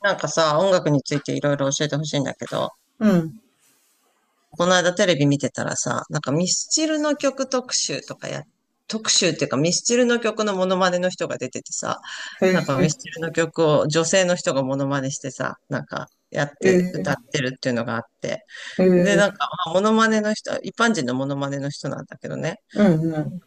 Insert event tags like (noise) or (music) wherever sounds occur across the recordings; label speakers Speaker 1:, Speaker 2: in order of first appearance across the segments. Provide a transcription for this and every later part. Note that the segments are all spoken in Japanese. Speaker 1: なんかさ、音楽についていろいろ教えてほしいんだけど、
Speaker 2: うん。
Speaker 1: この間テレビ見てたらさ、ミスチルの曲特集とかや、特集っていうかミスチルの曲のモノマネの人が出ててさ、
Speaker 2: へ
Speaker 1: ミ
Speaker 2: え、
Speaker 1: スチルの曲を女性の人がモノマネしてさ、やっ
Speaker 2: へ
Speaker 1: て
Speaker 2: え、
Speaker 1: 歌ってるっていうのがあって。
Speaker 2: え
Speaker 1: で、
Speaker 2: え、
Speaker 1: まあモノマネの人、一般人のモノマネの人なんだけどね、
Speaker 2: うんうん。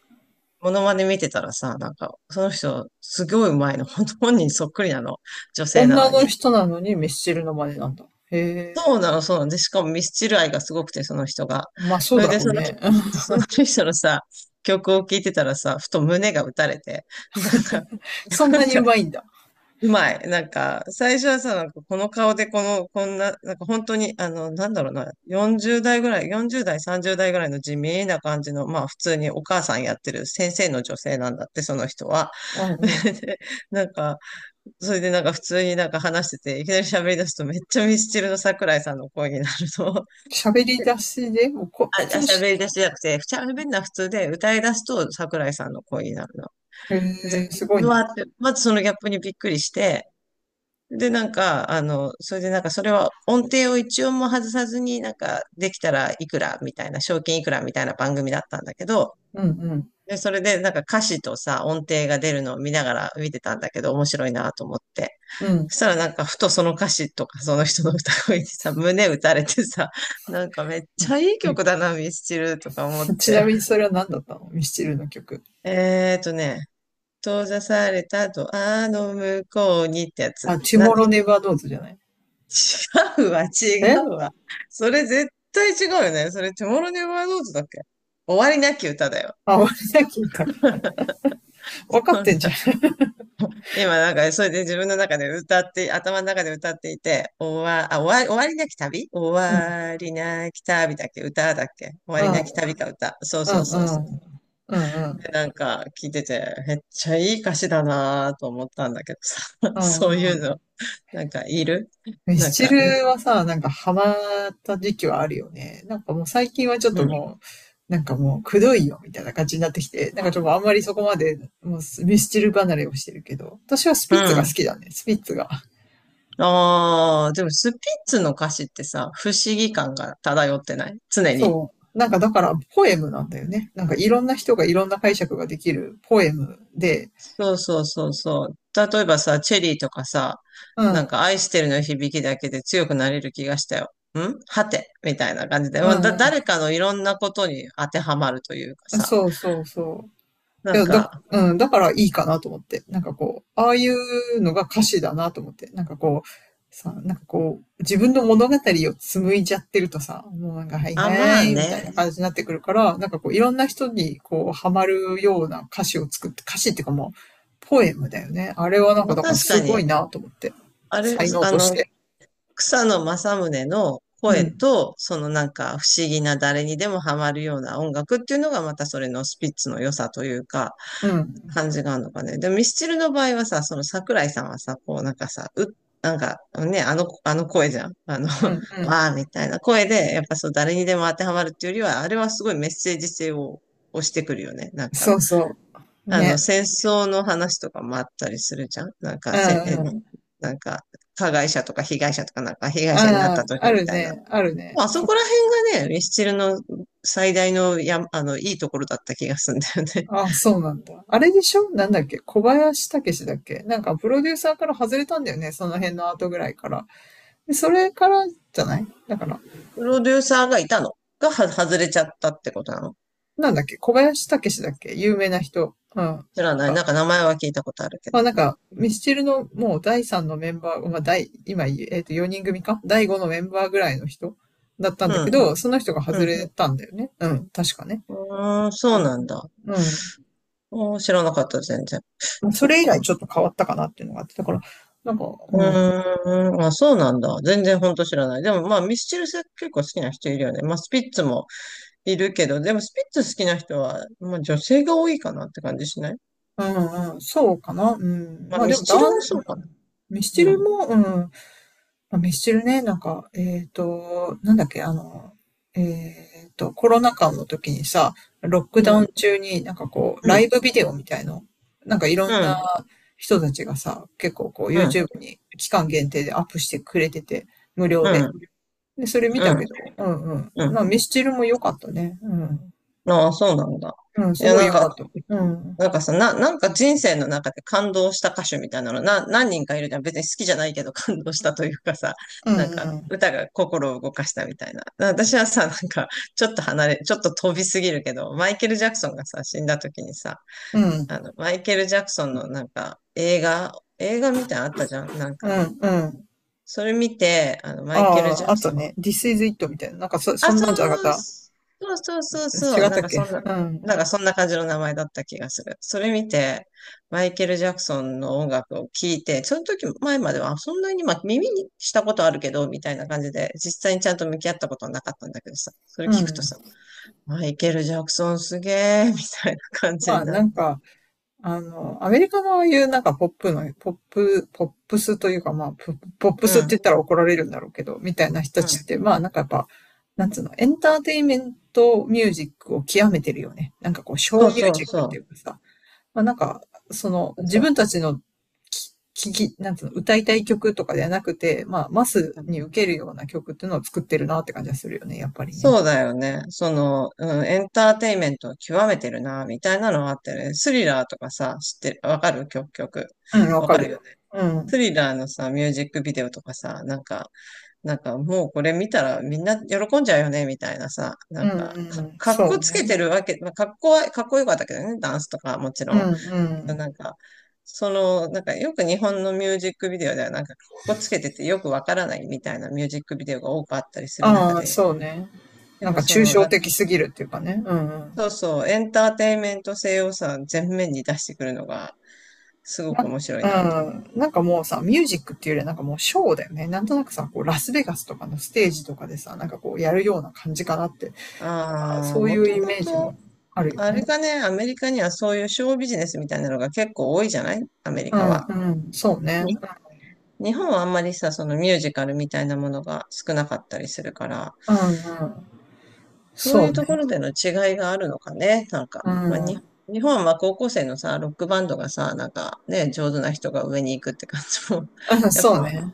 Speaker 1: モノマネ見てたらさ、その人すごいうまいの、本当本人そっくりなの、女性な
Speaker 2: 女
Speaker 1: の
Speaker 2: の
Speaker 1: に。
Speaker 2: 人なのにミスチルの真似なんだ。へ
Speaker 1: そう
Speaker 2: え、
Speaker 1: なの、そうなの。で、しかもミスチル愛がすごくて、その人が。
Speaker 2: まあそ
Speaker 1: そ
Speaker 2: う
Speaker 1: れ
Speaker 2: だ
Speaker 1: で、
Speaker 2: ろうね。(laughs)
Speaker 1: その人のさ、曲を聴いてたらさ、ふと胸が打たれて、なんか、
Speaker 2: そん
Speaker 1: なん
Speaker 2: なにう
Speaker 1: か、
Speaker 2: まいんだ。
Speaker 1: うまい。最初はさ、なんかこの顔でこの、こんな、なんか本当に、なんだろうな、40代ぐらい、40代、30代ぐらいの地味な感じの、まあ普通にお母さんやってる先生の女性なんだって、その人は。
Speaker 2: うん
Speaker 1: (laughs)
Speaker 2: うん。
Speaker 1: で、なんか、それでなんか普通になんか話してて、いきなり喋り出すとめっちゃミスチルの桜井さんの声になるの。(laughs)
Speaker 2: 喋り出しで、もうこ
Speaker 1: あ、
Speaker 2: 普通の
Speaker 1: 喋
Speaker 2: し、
Speaker 1: り出しじゃなくて、喋るのは普通で歌い出すと桜井さんの声になるの。
Speaker 2: へ
Speaker 1: で、
Speaker 2: え、すごい
Speaker 1: うわー
Speaker 2: ね。
Speaker 1: って、まずそのギャップにびっくりして、で、それでなんかそれは音程を一音も外さずになんかできたらいくらみたいな、賞金いくらみたいな番組だったんだけど、
Speaker 2: うんうん、
Speaker 1: で、それでなんか歌詞とさ、音程が出るのを見ながら見てたんだけど、面白いなと思って。
Speaker 2: うん。
Speaker 1: そしたらなんか、ふとその歌詞とか、その人の歌声にさ、胸打たれてさ、なんかめっ
Speaker 2: う
Speaker 1: ち
Speaker 2: ん。
Speaker 1: ゃいい曲だな、ミスチルとか思っ
Speaker 2: (laughs) ちな
Speaker 1: て。
Speaker 2: みにそれは何だったのミスチルの曲？
Speaker 1: えーとね、閉ざされたドアの向こうにってやつ。
Speaker 2: あ、チ
Speaker 1: なんだ、
Speaker 2: モロネバードーズじゃない？
Speaker 1: 違うわ、違
Speaker 2: え、
Speaker 1: うわ。それ絶対違うよね。それ、テモロネバーノートだっけ終わりなき歌だよ。
Speaker 2: あ、俺だけ言った。
Speaker 1: (laughs)
Speaker 2: 分かっ
Speaker 1: そう
Speaker 2: てんじゃ
Speaker 1: だ
Speaker 2: ん。
Speaker 1: 今なんか、それで自分の中で歌って、頭の中で歌っていて、終わ、あ、終わり、終わりなき旅終
Speaker 2: うん。
Speaker 1: わりなき旅だっけ歌だっけ終わ
Speaker 2: う
Speaker 1: り
Speaker 2: ん、
Speaker 1: なき旅か歌。そう
Speaker 2: うん、
Speaker 1: そう
Speaker 2: う
Speaker 1: そうそう。
Speaker 2: ん。うん、う
Speaker 1: で
Speaker 2: ん、
Speaker 1: なんか聞いてて、めっちゃいい歌詞だなぁと思ったんだけどさ、(laughs)
Speaker 2: うん、
Speaker 1: そう
Speaker 2: う
Speaker 1: いう
Speaker 2: ん。
Speaker 1: の、なんかいる
Speaker 2: ミ
Speaker 1: な
Speaker 2: ス
Speaker 1: ん
Speaker 2: チ
Speaker 1: か、
Speaker 2: ルはさ、なんかハマった時期はあるよね。なんかもう最近はちょっ
Speaker 1: う
Speaker 2: と
Speaker 1: ん。
Speaker 2: もう、なんかもうくどいよみたいな感じになってきて、なんかちょっとあんまりそこまでもうミスチル離れをしてるけど、私はス
Speaker 1: う
Speaker 2: ピッツが好
Speaker 1: ん。
Speaker 2: きだね、スピッツが。
Speaker 1: ああ、でもスピッツの歌詞ってさ、不思議感が漂ってない常に。
Speaker 2: そう。なんかだからポエムなんだよね。なんかいろんな人がいろんな解釈ができるポエムで、
Speaker 1: そうそうそうそう。例えばさ、チェリーとかさ、
Speaker 2: う
Speaker 1: なん
Speaker 2: ん、
Speaker 1: か愛してるの響きだけで強くなれる気がしたよ。んはてみたいな感じで、ま
Speaker 2: う
Speaker 1: あだ、
Speaker 2: ん、
Speaker 1: 誰かのいろんなことに当てはまるというか
Speaker 2: うん。
Speaker 1: さ、
Speaker 2: そうそうそう。い
Speaker 1: なん
Speaker 2: や、だ、
Speaker 1: か、
Speaker 2: うん、だからいいかなと思って。なんかこう、ああいうのが歌詞だなと思って。なんかこう、さ、なんかこう、自分の物語を紡いじゃってるとさ、もうなんか、はい
Speaker 1: あ、
Speaker 2: は
Speaker 1: まあ
Speaker 2: い、みたい
Speaker 1: ね、
Speaker 2: な感じになってくるから、なんかこう、いろんな人にこう、ハマるような歌詞を作って、歌詞っていうかもう、ポエムだよね。あれはなんか、
Speaker 1: まあ
Speaker 2: だから
Speaker 1: 確か
Speaker 2: すご
Speaker 1: に、
Speaker 2: いなと思って。
Speaker 1: あれ、
Speaker 2: 才能として。
Speaker 1: 草野正宗の
Speaker 2: う
Speaker 1: 声
Speaker 2: ん、
Speaker 1: と、そのなんか不思議な誰にでもハマるような音楽っていうのがまたそれのスピッツの良さというか、
Speaker 2: うん、
Speaker 1: 感じがあるのかね。でもミスチルの場合はさ、その桜井さんはさ、こうなんかさ、う、なんかね、あの声じゃん。あの、
Speaker 2: うん、
Speaker 1: (laughs)
Speaker 2: う
Speaker 1: わ
Speaker 2: ん。
Speaker 1: ーみたいな声で、やっぱそう誰にでも当てはまるっていうよりは、あれはすごいメッセージ性を押してくるよね。なんか。
Speaker 2: そうそう。
Speaker 1: あの、
Speaker 2: ね。
Speaker 1: 戦争の話とかもあったりするじゃんなん
Speaker 2: う
Speaker 1: か、
Speaker 2: ん、うん。
Speaker 1: なんか、加害者とか被害者とかなんか、被害
Speaker 2: あ
Speaker 1: 者になった
Speaker 2: あ、
Speaker 1: 時
Speaker 2: あ
Speaker 1: み
Speaker 2: る
Speaker 1: たいな。
Speaker 2: ね、あるね。
Speaker 1: まあそこら辺がね、ミスチルの最大のや、いいところだった気がするんだよね。
Speaker 2: あ、そうなんだ。あれでしょ、なんだっけ、小林武史だっけ、なんかプロデューサーから外れたんだよね。その辺の後ぐらいから。で、それからじゃないだから、
Speaker 1: (laughs) プロデューサーがいたのがは外れちゃったってことなの
Speaker 2: なんだっけ、小林武史だっけ、有名な人。うん。
Speaker 1: 知らない。
Speaker 2: が、
Speaker 1: なんか名前は聞いたことあるけ
Speaker 2: ま
Speaker 1: ど。
Speaker 2: あなんか、ミスチルのもう第3のメンバー、まあ第、今、4人組か第5のメンバーぐらいの人だったん
Speaker 1: う
Speaker 2: だけ
Speaker 1: ん、
Speaker 2: ど、その人が
Speaker 1: う
Speaker 2: 外
Speaker 1: ん。
Speaker 2: れたんだよね。うん、確かね。
Speaker 1: うーん、そうなんだ。
Speaker 2: うん。
Speaker 1: おー知らなかった、全然。
Speaker 2: まあそ
Speaker 1: そっ
Speaker 2: れ以来
Speaker 1: か。
Speaker 2: ちょっと変わったかなっていうのがあって、だから、なんか、
Speaker 1: う
Speaker 2: うん。
Speaker 1: ーん、あ、そうなんだ。全然ほんと知らない。でもまあ、ミスチル結構好きな人いるよね。まあ、スピッツもいるけど、でもスピッツ好きな人は、まあ、女性が多いかなって感じしない
Speaker 2: うんうん、そうかな。うん。
Speaker 1: まあ、
Speaker 2: まあ
Speaker 1: ミ
Speaker 2: で
Speaker 1: ス
Speaker 2: も、
Speaker 1: チ
Speaker 2: だ
Speaker 1: ル
Speaker 2: ん、う
Speaker 1: も
Speaker 2: ん、
Speaker 1: そうかな。
Speaker 2: ミスチ
Speaker 1: う
Speaker 2: ル
Speaker 1: ん、
Speaker 2: も、うん。まあ、ミスチルね、なんか、なんだっけ、あの、コロナ禍の時にさ、ロック
Speaker 1: う
Speaker 2: ダウン
Speaker 1: ん、
Speaker 2: 中になんかこう、
Speaker 1: う
Speaker 2: ライ
Speaker 1: ん、
Speaker 2: ブビデオみたいの、なんかいろ
Speaker 1: う
Speaker 2: んな
Speaker 1: ん、
Speaker 2: 人たちがさ、結構こう、
Speaker 1: うん、
Speaker 2: YouTube に期間限定でアップしてくれてて、無料で。
Speaker 1: う
Speaker 2: で、それ見た
Speaker 1: ん、
Speaker 2: けど、うんうん。
Speaker 1: うん。
Speaker 2: まあ、ミスチルも良かったね。うん。
Speaker 1: ああ、そうなんだ。
Speaker 2: うん、
Speaker 1: い
Speaker 2: す
Speaker 1: や、
Speaker 2: ごい
Speaker 1: なん
Speaker 2: 良かっ
Speaker 1: か
Speaker 2: た。うん。
Speaker 1: なんかさ、な、なんか人生の中で感動した歌手みたいなの、何人かいるじゃん。別に好きじゃないけど感動したというかさ、
Speaker 2: う
Speaker 1: (laughs) なんか
Speaker 2: ん
Speaker 1: 歌が心を動かしたみたいな。私はさ、なんかちょっと離れ、ちょっと飛びすぎるけど、マイケル・ジャクソンがさ、死んだ時にさ、
Speaker 2: うん。う
Speaker 1: あ
Speaker 2: ん。
Speaker 1: の、マイケル・ジャクソンのなんか映画、映画みたいなのあったじゃん。なん
Speaker 2: う
Speaker 1: か、
Speaker 2: んうん。
Speaker 1: それ見て、あの、マ
Speaker 2: あ
Speaker 1: イケル・ジ
Speaker 2: あ、
Speaker 1: ャ
Speaker 2: あ
Speaker 1: クソ
Speaker 2: と
Speaker 1: ン、
Speaker 2: ね。This is it みたいな。なんかそ、
Speaker 1: あ、
Speaker 2: そん
Speaker 1: そ
Speaker 2: なんじゃな
Speaker 1: う、
Speaker 2: かっ
Speaker 1: そうそうそう
Speaker 2: た。
Speaker 1: そう、
Speaker 2: 違っ
Speaker 1: な
Speaker 2: た
Speaker 1: ん
Speaker 2: っ
Speaker 1: かそ
Speaker 2: け？
Speaker 1: んな、
Speaker 2: うん。
Speaker 1: なんかそんな感じの名前だった気がする。それ見て、マイケル・ジャクソンの音楽を聴いて、その時前までは、あそんなに、まあ、耳にしたことあるけど、みたいな感じで、実際にちゃんと向き合ったことはなかったんだけどさ、それ
Speaker 2: う
Speaker 1: 聞くと
Speaker 2: ん。
Speaker 1: さ、マイケル・ジャクソンすげー、みたいな感
Speaker 2: ま
Speaker 1: じに
Speaker 2: あ
Speaker 1: なっ
Speaker 2: なん
Speaker 1: て。
Speaker 2: か、あの、アメリカのいうなんかポップの、ポップ、ポップスというかまあ、ポポップ
Speaker 1: う
Speaker 2: スって
Speaker 1: ん、
Speaker 2: 言ったら怒られるんだろうけど、みたいな人た
Speaker 1: う
Speaker 2: ちっ
Speaker 1: ん。
Speaker 2: て、まあなんかやっぱ、なんつうの、エンターテインメントミュージックを極めてるよね。なんかこう、ショ
Speaker 1: そ
Speaker 2: ー
Speaker 1: う
Speaker 2: ミュ
Speaker 1: そ
Speaker 2: ー
Speaker 1: う
Speaker 2: ジックって
Speaker 1: そ
Speaker 2: いうかさ、まあ、なんか、その、
Speaker 1: う。
Speaker 2: 自
Speaker 1: そう
Speaker 2: 分たちのき、聞き、なんつうの、歌いたい曲とかではなくて、まあ、マスに受けるような曲っていうのを作ってるなって感じがするよね、やっぱりね。
Speaker 1: そうだよね。エンターテインメントを極めてるな、みたいなのはあってね。スリラーとかさ、知ってる、わかる曲、曲。
Speaker 2: うん、わ
Speaker 1: わ
Speaker 2: か
Speaker 1: かる
Speaker 2: る
Speaker 1: よね。
Speaker 2: よ。う
Speaker 1: ス
Speaker 2: ん。
Speaker 1: リラーのさ、ミュージックビデオとかさ、もうこれ見たらみんな喜んじゃうよね、みたいなさ、な
Speaker 2: う
Speaker 1: ん
Speaker 2: ん
Speaker 1: か、
Speaker 2: うんうん。
Speaker 1: かっ
Speaker 2: そ
Speaker 1: こ
Speaker 2: う
Speaker 1: つけ
Speaker 2: ね。
Speaker 1: てるわけ、まあ、かっこよかったけどね、ダンスとかもち
Speaker 2: うん
Speaker 1: ろ
Speaker 2: う
Speaker 1: ん。
Speaker 2: ん。
Speaker 1: なんか、なんかよく日本のミュージックビデオではなんか、かっこつけててよくわからないみたいなミュージックビデオが多くあったりする中
Speaker 2: ああ、
Speaker 1: で、
Speaker 2: そうね。
Speaker 1: やっ
Speaker 2: なん
Speaker 1: ぱ
Speaker 2: か
Speaker 1: そ
Speaker 2: 抽
Speaker 1: の、
Speaker 2: 象的すぎるっていうかね。うんうん。
Speaker 1: そうそう、エンターテインメント性をさ、全面に出してくるのが、すごく
Speaker 2: な、
Speaker 1: 面白い
Speaker 2: う
Speaker 1: なと思う。
Speaker 2: ん。なんかもうさ、ミュージックっていうよりはなんかもうショーだよね。なんとなくさ、こう、ラスベガスとかのステージとかでさ、なんかこう、やるような感じかなって。なんか
Speaker 1: ああ、
Speaker 2: そうい
Speaker 1: も
Speaker 2: う
Speaker 1: と
Speaker 2: イ
Speaker 1: も
Speaker 2: メージ
Speaker 1: と、
Speaker 2: もあるよ
Speaker 1: あれ
Speaker 2: ね。
Speaker 1: かね、アメリカにはそういうショービジネスみたいなのが結構多いじゃないアメリ
Speaker 2: う
Speaker 1: カ
Speaker 2: ん、
Speaker 1: は。
Speaker 2: うん、そうね。
Speaker 1: に日本はあんまりさ、そのミュージカルみたいなものが少なかったりするから、
Speaker 2: うん、うん、
Speaker 1: そう
Speaker 2: そ
Speaker 1: い
Speaker 2: う
Speaker 1: うと
Speaker 2: ね。
Speaker 1: ころでの違いがあるのかね、なんか。
Speaker 2: う
Speaker 1: まあ、
Speaker 2: ん、
Speaker 1: 日本は高校生のさ、ロックバンドがさ、なんかね、上手な人が上に行くって感じも
Speaker 2: うん、
Speaker 1: (laughs) やっ
Speaker 2: そう
Speaker 1: ぱ
Speaker 2: ね。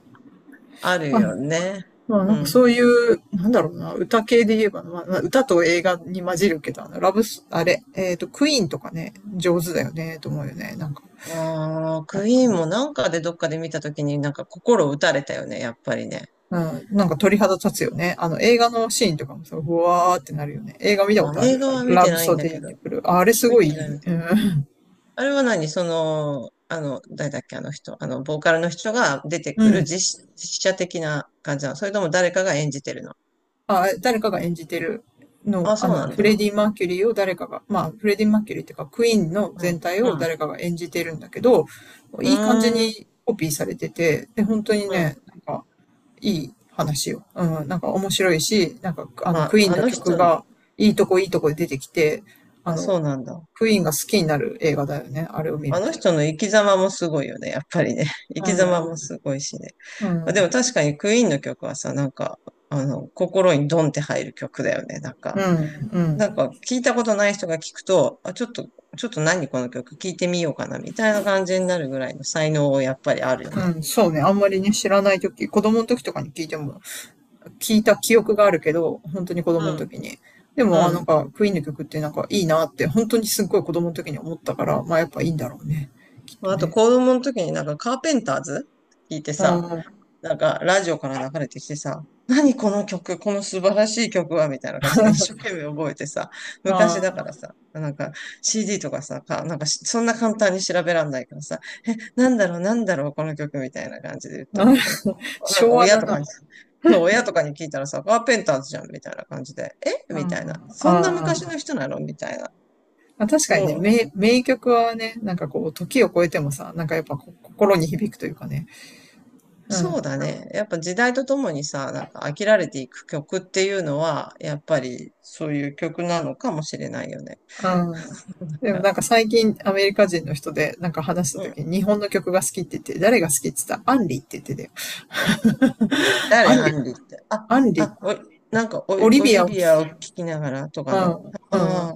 Speaker 1: ある
Speaker 2: まあ、
Speaker 1: よね。
Speaker 2: まあ、な
Speaker 1: う
Speaker 2: んか
Speaker 1: ん。
Speaker 2: そういう、なんだろうな、歌系で言えば、まあ、まあ歌と映画に混じるけど、あの、ラブス、あれ、クイーンとかね、上手だよね、と思うよね。なんか、
Speaker 1: ああ、
Speaker 2: やっ
Speaker 1: ク
Speaker 2: ぱ
Speaker 1: イーン
Speaker 2: ね。
Speaker 1: もなんかでどっかで見たときになんか心打たれたよね、やっぱりね。
Speaker 2: うん、なんか鳥肌立つよね。あの、映画のシーンとかもさ、うわーってなるよね。映画見た
Speaker 1: あ、
Speaker 2: ことあ
Speaker 1: 映
Speaker 2: る？
Speaker 1: 画は見
Speaker 2: ラ
Speaker 1: て
Speaker 2: ブ
Speaker 1: ないん
Speaker 2: ソ
Speaker 1: だ
Speaker 2: デ
Speaker 1: け
Speaker 2: イン
Speaker 1: ど。
Speaker 2: で来る。ああれす
Speaker 1: 見
Speaker 2: ごい
Speaker 1: てな
Speaker 2: い
Speaker 1: い
Speaker 2: い。
Speaker 1: みた
Speaker 2: う
Speaker 1: い。
Speaker 2: ん。
Speaker 1: あれは何その、あの、誰だっけ、あの人。あの、ボーカルの人が出て
Speaker 2: う
Speaker 1: くる
Speaker 2: ん。
Speaker 1: 実写的な感じなの。それとも誰かが演じてるの。
Speaker 2: あ、誰かが演じてるの、
Speaker 1: あ、
Speaker 2: あ
Speaker 1: そう
Speaker 2: の、
Speaker 1: なん
Speaker 2: フ
Speaker 1: だ。
Speaker 2: レディ・マーキュリーを誰かが、まあ、フレディ・マーキュリーっていうか、クイーンの
Speaker 1: う
Speaker 2: 全
Speaker 1: ん。
Speaker 2: 体
Speaker 1: う
Speaker 2: を
Speaker 1: ん。
Speaker 2: 誰かが演じてるんだけど、
Speaker 1: う
Speaker 2: いい感じに
Speaker 1: ーん。
Speaker 2: コピーされてて、で、本当に
Speaker 1: うん。
Speaker 2: ね、なんか、いい話よ。うん、なんか面白いし、なんか、あの、
Speaker 1: ま
Speaker 2: ク
Speaker 1: あ、
Speaker 2: イーン
Speaker 1: あ
Speaker 2: の
Speaker 1: の
Speaker 2: 曲
Speaker 1: 人の、
Speaker 2: が、いいとこいいとこで出てきて、あ
Speaker 1: あ、
Speaker 2: の、
Speaker 1: そうなんだ。
Speaker 2: クイーンが好きになる映画だよね、あれを見
Speaker 1: あ
Speaker 2: る
Speaker 1: の
Speaker 2: と。
Speaker 1: 人の生き様もすごいよね、やっぱりね。(laughs) 生
Speaker 2: う
Speaker 1: き様も
Speaker 2: ん、
Speaker 1: すごいしね。
Speaker 2: う
Speaker 1: まあ、でも
Speaker 2: ん、
Speaker 1: 確かにクイーンの曲はさ、なんか、あの、心にドンって入る曲だよね、なん
Speaker 2: う
Speaker 1: か。
Speaker 2: ん、う
Speaker 1: なん
Speaker 2: ん、
Speaker 1: か、聞いたことない人が聞くと、あ、ちょっと何この曲聞いてみようかな、みたいな感じになるぐらいの才能やっぱりあるよね。
Speaker 2: うん、そうね、あんまりね、知らない時子供の時とかに聞いても、聞いた記憶があるけど、本当に子
Speaker 1: う
Speaker 2: 供の
Speaker 1: ん、
Speaker 2: 時に。で
Speaker 1: う
Speaker 2: も、あ、なん
Speaker 1: ん。
Speaker 2: か、クイーンの曲ってなんかいいなって、本当にすっごい子供の時に思ったから、まあやっぱいいんだろうね。きっと
Speaker 1: あと、
Speaker 2: ね。
Speaker 1: 子供の時になんかカーペンターズ聞いて
Speaker 2: うん
Speaker 1: さ、
Speaker 2: うん。あ
Speaker 1: なんか、ラジオから流れてきてさ、何この曲、この素晴らしい曲は、みたいな感じで一生懸命覚えてさ、昔
Speaker 2: あ、
Speaker 1: だからさ、なんか CD とかさ、なんかしそんな簡単に調べらんないからさ、なんだろう、この曲みたいな感じで言ったの。え
Speaker 2: (laughs)
Speaker 1: なん
Speaker 2: 昭
Speaker 1: か
Speaker 2: 和
Speaker 1: 親
Speaker 2: だ
Speaker 1: と
Speaker 2: な。
Speaker 1: かに、そう、親とかに聞いたらさ、カーペンターズじゃん、みたいな感じで、え
Speaker 2: う
Speaker 1: みたいな。
Speaker 2: ん、
Speaker 1: そんな
Speaker 2: あ
Speaker 1: 昔の人なのみたいな。
Speaker 2: あ、確かに
Speaker 1: も
Speaker 2: ね、
Speaker 1: う、
Speaker 2: 名、名曲はね、なんかこう、時を超えてもさ、なんかやっぱこ心に響くというかね。う
Speaker 1: そ
Speaker 2: ん、
Speaker 1: うだね。やっぱ時代とともにさ、なんか飽きられていく曲っていうのは、やっぱりそういう曲なのかもしれないよね。
Speaker 2: うん。で
Speaker 1: あ
Speaker 2: もなんか最近アメリカ人の人でなんか話した
Speaker 1: うん。
Speaker 2: 時に日本の曲が好きって言って、誰が好きって言ったらアンリって言ってたよ。(laughs)
Speaker 1: 誰、
Speaker 2: アン
Speaker 1: ア
Speaker 2: リ、
Speaker 1: ンリって。あ、
Speaker 2: アンリ、
Speaker 1: あ、おい、なんかオ
Speaker 2: オ
Speaker 1: リ、
Speaker 2: リ
Speaker 1: オ
Speaker 2: ビ
Speaker 1: リ
Speaker 2: アを聞
Speaker 1: ビア
Speaker 2: き
Speaker 1: を聴
Speaker 2: よ
Speaker 1: きながらとか
Speaker 2: う。
Speaker 1: の (laughs)
Speaker 2: うん、うん。
Speaker 1: ああ、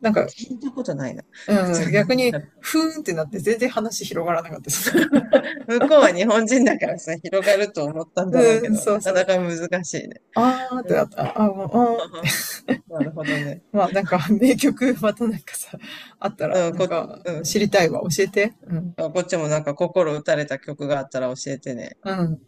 Speaker 2: なんか、
Speaker 1: 聞いたことないな。(laughs)
Speaker 2: うん、
Speaker 1: 残
Speaker 2: 逆
Speaker 1: 念な
Speaker 2: に、
Speaker 1: がら。
Speaker 2: ふーんってなって全然話広がらなかったです。
Speaker 1: (laughs) 向こうは日本人だからさ、広がると思った
Speaker 2: (laughs)
Speaker 1: んだろうけ
Speaker 2: うん、
Speaker 1: ど、
Speaker 2: そう
Speaker 1: なか
Speaker 2: そ
Speaker 1: な
Speaker 2: う。
Speaker 1: か難しいね。(laughs)
Speaker 2: あーっ
Speaker 1: う
Speaker 2: てなっ
Speaker 1: ん。
Speaker 2: た。あーもう、あーって。
Speaker 1: (laughs) なるほどね。
Speaker 2: (laughs) まあなんか、名曲またなんかさ、あったら、
Speaker 1: うん、
Speaker 2: なん
Speaker 1: こ、
Speaker 2: か、
Speaker 1: う
Speaker 2: 知
Speaker 1: ん。
Speaker 2: りたいわ。教えて。うん。
Speaker 1: あこっちもなんか心打たれた曲があったら教えてね。
Speaker 2: うん。